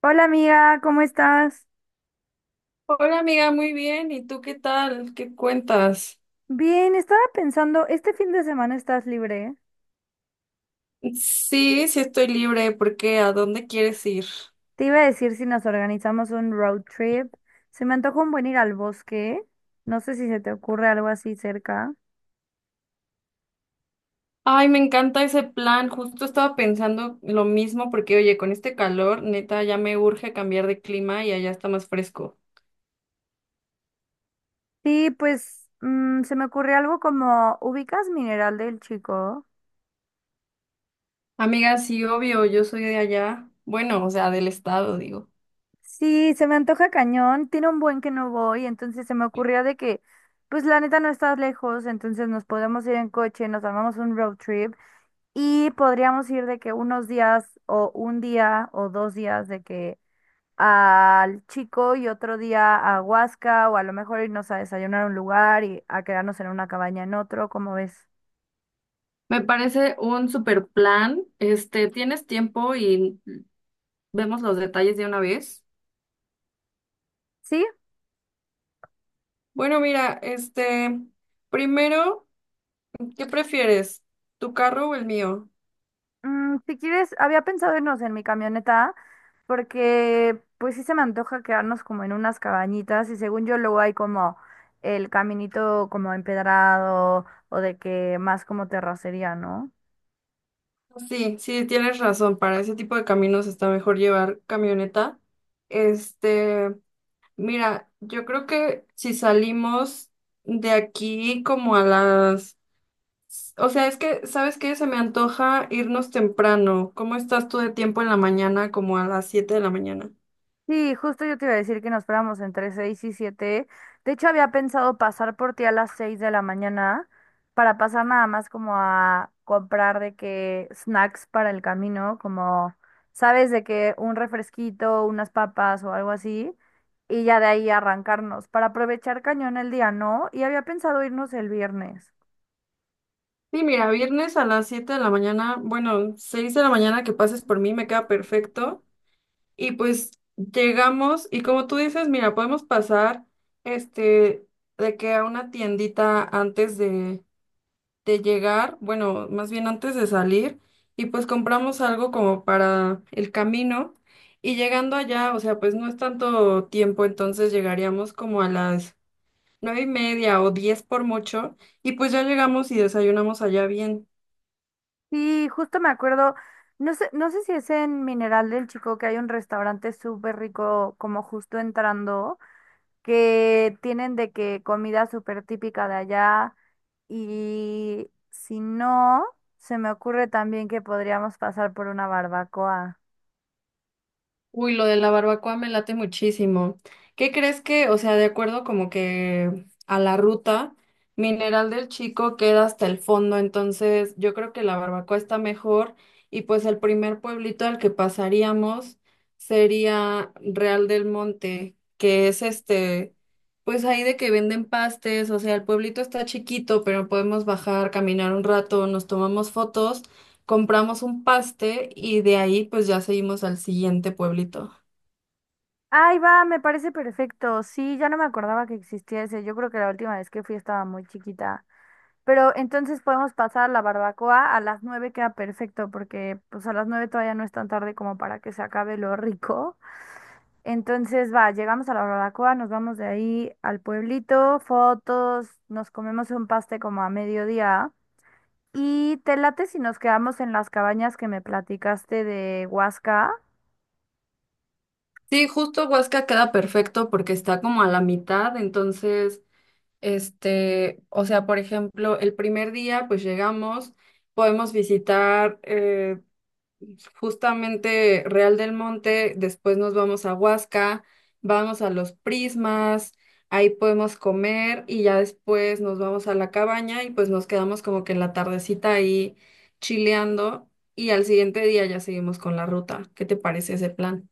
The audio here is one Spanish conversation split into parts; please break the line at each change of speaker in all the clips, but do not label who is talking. Hola amiga, ¿cómo estás?
Hola amiga, muy bien. ¿Y tú qué tal? ¿Qué cuentas?
Bien, estaba pensando, ¿este fin de semana estás libre?
Sí, sí estoy libre. ¿Por qué? ¿A dónde quieres ir?
Te iba a decir si nos organizamos un road trip. Se me antoja un buen ir al bosque. No sé si se te ocurre algo así cerca.
Ay, me encanta ese plan. Justo estaba pensando lo mismo porque, oye, con este calor, neta, ya me urge cambiar de clima y allá está más fresco.
Sí, pues se me ocurre algo como, ¿ubicas Mineral del Chico?
Amiga, sí, obvio, yo soy de allá. Bueno, o sea, del estado, digo.
Sí, se me antoja cañón. Tiene un buen que no voy, entonces se me ocurría de que, pues la neta no estás lejos, entonces nos podemos ir en coche, nos armamos un road trip. Y podríamos ir de que unos días o un día o 2 días de que al Chico y otro día a Huasca o a lo mejor irnos a desayunar a un lugar y a quedarnos en una cabaña en otro, ¿cómo ves?
Me parece un super plan. ¿Tienes tiempo y vemos los detalles de una vez?
Sí.
Bueno, mira, primero. ¿Qué prefieres? ¿Tu carro o el mío?
Mm, si quieres, había pensado irnos en mi camioneta porque pues sí se me antoja quedarnos como en unas cabañitas y según yo luego hay como el caminito como empedrado o de que más como terracería, ¿no?
Sí, sí, tienes razón. Para ese tipo de caminos está mejor llevar camioneta. Este, mira, yo creo que si salimos de aquí como a las. O sea, es que, ¿sabes qué? Se me antoja irnos temprano. ¿Cómo estás tú de tiempo en la mañana, como a las 7 de la mañana?
Sí, justo yo te iba a decir que nos fuéramos entre 6 y 7. De hecho, había pensado pasar por ti a las 6 de la mañana para pasar nada más como a comprar de que snacks para el camino, como, sabes, de que un refresquito, unas papas o algo así, y ya de ahí arrancarnos para aprovechar cañón el día, ¿no? Y había pensado irnos el viernes.
Sí, mira, viernes a las 7 de la mañana, bueno, 6 de la mañana que pases por mí me queda perfecto. Y pues llegamos y como tú dices, mira, podemos pasar este de que a una tiendita antes de llegar, bueno, más bien antes de salir, y pues compramos algo como para el camino. Y llegando allá, o sea, pues no es tanto tiempo, entonces llegaríamos como a las 9 y media o 10 por mucho, y pues ya llegamos y desayunamos allá bien.
Sí, justo me acuerdo, no sé, no sé si es en Mineral del Chico que hay un restaurante súper rico como justo entrando. Que tienen de que comida súper típica de allá y si no, se me ocurre también que podríamos pasar por una barbacoa.
Uy, lo de la barbacoa me late muchísimo. ¿Qué crees que, o sea, de acuerdo como que a la ruta, Mineral del Chico queda hasta el fondo, entonces yo creo que la barbacoa está mejor y pues el primer pueblito al que pasaríamos sería Real del Monte, que es pues ahí de que venden pastes, o sea, el pueblito está chiquito, pero podemos bajar, caminar un rato, nos tomamos fotos, compramos un paste y de ahí pues ya seguimos al siguiente pueblito.
Ahí va, me parece perfecto. Sí, ya no me acordaba que existía ese. Yo creo que la última vez que fui estaba muy chiquita. Pero entonces podemos pasar la barbacoa a las 9, queda perfecto, porque pues a las 9 todavía no es tan tarde como para que se acabe lo rico. Entonces, va, llegamos a la barbacoa, nos vamos de ahí al pueblito, fotos, nos comemos un paste como a mediodía. Y te late si nos quedamos en las cabañas que me platicaste de Huasca.
Sí, justo Huasca queda perfecto porque está como a la mitad, entonces, o sea, por ejemplo, el primer día pues llegamos, podemos visitar justamente Real del Monte, después nos vamos a Huasca, vamos a los Prismas, ahí podemos comer y ya después nos vamos a la cabaña y pues nos quedamos como que en la tardecita ahí chileando y al siguiente día ya seguimos con la ruta. ¿Qué te parece ese plan?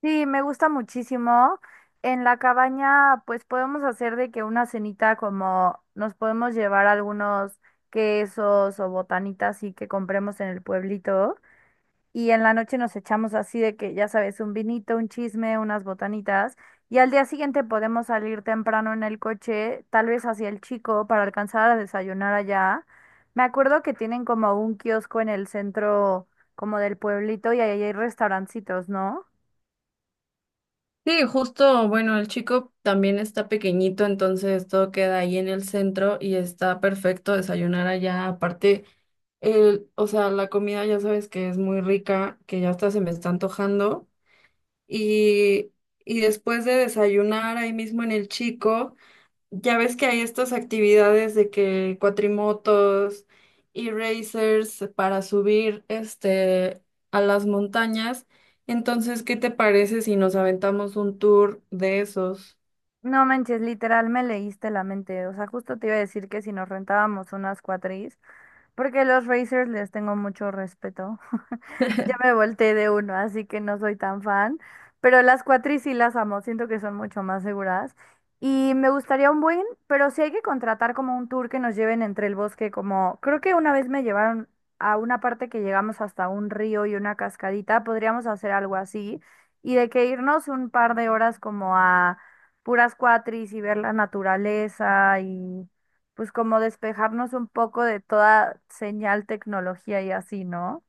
Sí, me gusta muchísimo. En la cabaña, pues podemos hacer de que una cenita como nos podemos llevar algunos quesos o botanitas y que compremos en el pueblito. Y en la noche nos echamos así de que, ya sabes, un vinito, un chisme, unas botanitas. Y al día siguiente podemos salir temprano en el coche, tal vez hacia el Chico, para alcanzar a desayunar allá. Me acuerdo que tienen como un kiosco en el centro como del pueblito y ahí hay restaurancitos, ¿no?
Sí, justo, bueno, el chico también está pequeñito, entonces todo queda ahí en el centro y está perfecto desayunar allá. Aparte, el, o sea, la comida ya sabes que es muy rica, que ya hasta se me está antojando. Y, y después de desayunar ahí mismo en el chico. Ya ves que hay estas actividades de que cuatrimotos y racers para subir a las montañas. Entonces, ¿qué te parece si nos aventamos un tour de esos?
No manches, literal me leíste la mente. O sea, justo te iba a decir que si nos rentábamos unas cuatris, porque los Racers les tengo mucho respeto. Ya me volteé de uno, así que no soy tan fan. Pero las cuatris sí las amo, siento que son mucho más seguras. Y me gustaría un buen, pero sí hay que contratar como un tour que nos lleven entre el bosque, como creo que una vez me llevaron a una parte que llegamos hasta un río y una cascadita, podríamos hacer algo así. Y de que irnos un par de horas como a puras cuatris y ver la naturaleza pues como despejarnos un poco de toda señal, tecnología y así, ¿no?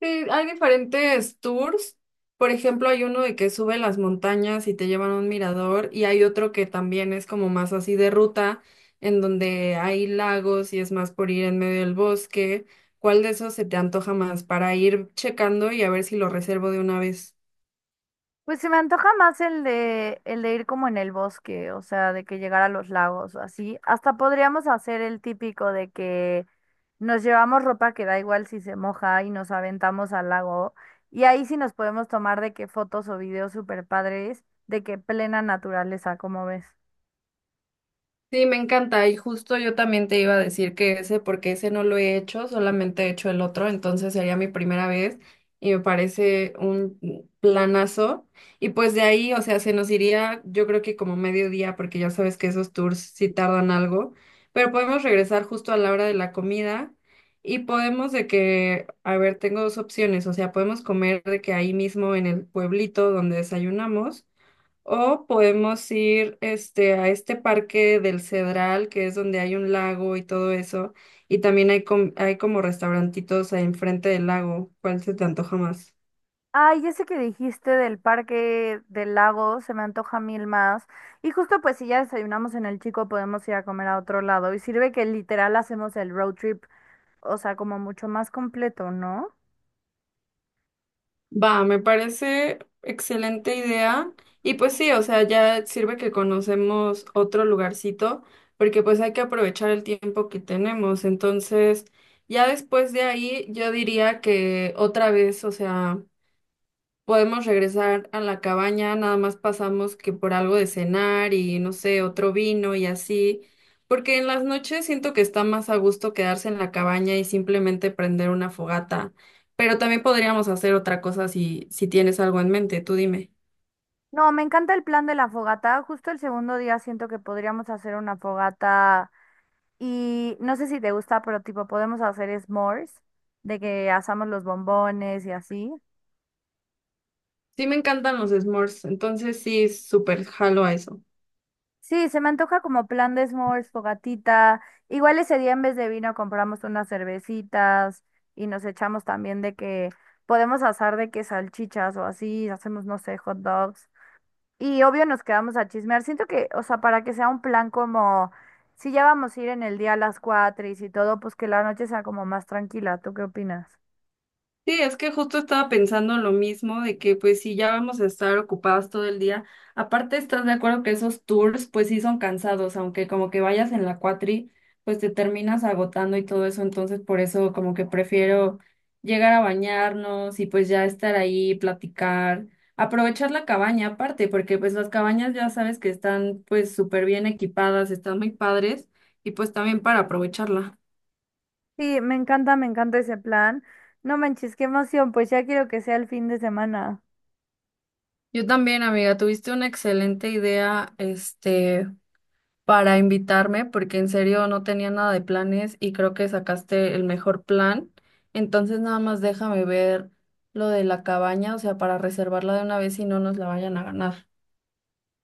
Sí, hay diferentes tours. Por ejemplo, hay uno de que sube las montañas y te llevan a un mirador, y hay otro que también es como más así de ruta, en donde hay lagos y es más por ir en medio del bosque. ¿Cuál de esos se te antoja más para ir checando y a ver si lo reservo de una vez?
Pues se me antoja más el de ir como en el bosque, o sea, de que llegar a los lagos o así. Hasta podríamos hacer el típico de que nos llevamos ropa que da igual si se moja y nos aventamos al lago. Y ahí sí nos podemos tomar de que fotos o videos super padres, de que plena naturaleza, como ves.
Sí, me encanta y justo yo también te iba a decir que ese, porque ese no lo he hecho, solamente he hecho el otro, entonces sería mi primera vez y me parece un planazo. Y pues de ahí, o sea, se nos iría yo creo que como mediodía, porque ya sabes que esos tours sí tardan algo, pero podemos regresar justo a la hora de la comida y podemos de que, a ver, tengo dos opciones, o sea, podemos comer de que ahí mismo en el pueblito donde desayunamos. O podemos ir a este parque del Cedral, que es donde hay un lago y todo eso. Y también hay como restaurantitos ahí enfrente del lago. ¿Cuál se te antoja más?
Ay, ese que dijiste del parque del lago se me antoja mil más. Y justo pues si ya desayunamos en el Chico podemos ir a comer a otro lado. Y sirve que literal hacemos el road trip, o sea, como mucho más completo, ¿no?
Va, me parece excelente idea. Y pues sí, o sea, ya sirve que conocemos otro lugarcito, porque pues hay que aprovechar el tiempo que tenemos. Entonces, ya después de ahí, yo diría que otra vez, o sea. Podemos regresar a la cabaña, nada más pasamos que por algo de cenar y no sé, otro vino y así, porque en las noches siento que está más a gusto quedarse en la cabaña y simplemente prender una fogata, pero también podríamos hacer otra cosa si tienes algo en mente, tú dime.
No, me encanta el plan de la fogata. Justo el segundo día siento que podríamos hacer una fogata y no sé si te gusta, pero tipo podemos hacer s'mores, de que asamos los bombones y así.
Sí me encantan los s'mores, entonces sí, súper jalo a eso.
Sí, se me antoja como plan de s'mores, fogatita. Igual ese día en vez de vino compramos unas cervecitas y nos echamos también de que podemos asar de que salchichas o así, hacemos, no sé, hot dogs. Y obvio nos quedamos a chismear. Siento que, o sea, para que sea un plan como, si ya vamos a ir en el día a las 4 y si todo, pues que la noche sea como más tranquila. ¿Tú qué opinas?
Sí, es que justo estaba pensando lo mismo, de que pues si ya vamos a estar ocupados todo el día, aparte estás de acuerdo que esos tours pues sí son cansados, aunque como que vayas en la cuatri, pues te terminas agotando y todo eso, entonces por eso como que prefiero llegar a bañarnos y pues ya estar ahí, platicar, aprovechar la cabaña aparte, porque pues las cabañas ya sabes que están pues súper bien equipadas, están muy padres y pues también para aprovecharla.
Sí, me encanta ese plan. No manches, qué emoción, pues ya quiero que sea el fin de semana.
Yo también, amiga, tuviste una excelente idea, para invitarme, porque en serio no tenía nada de planes y creo que sacaste el mejor plan. Entonces, nada más déjame ver lo de la cabaña, o sea, para reservarla de una vez y no nos la vayan a ganar.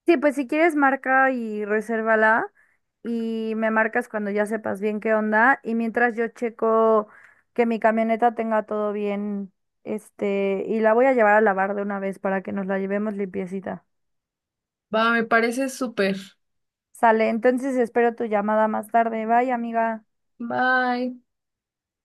Sí, pues si quieres marca y resérvala y me marcas cuando ya sepas bien qué onda. Y mientras yo checo que mi camioneta tenga todo bien, este, y la voy a llevar a lavar de una vez para que nos la llevemos limpiecita.
Va, me parece súper.
Sale, entonces espero tu llamada más tarde. Bye, amiga.
Bye.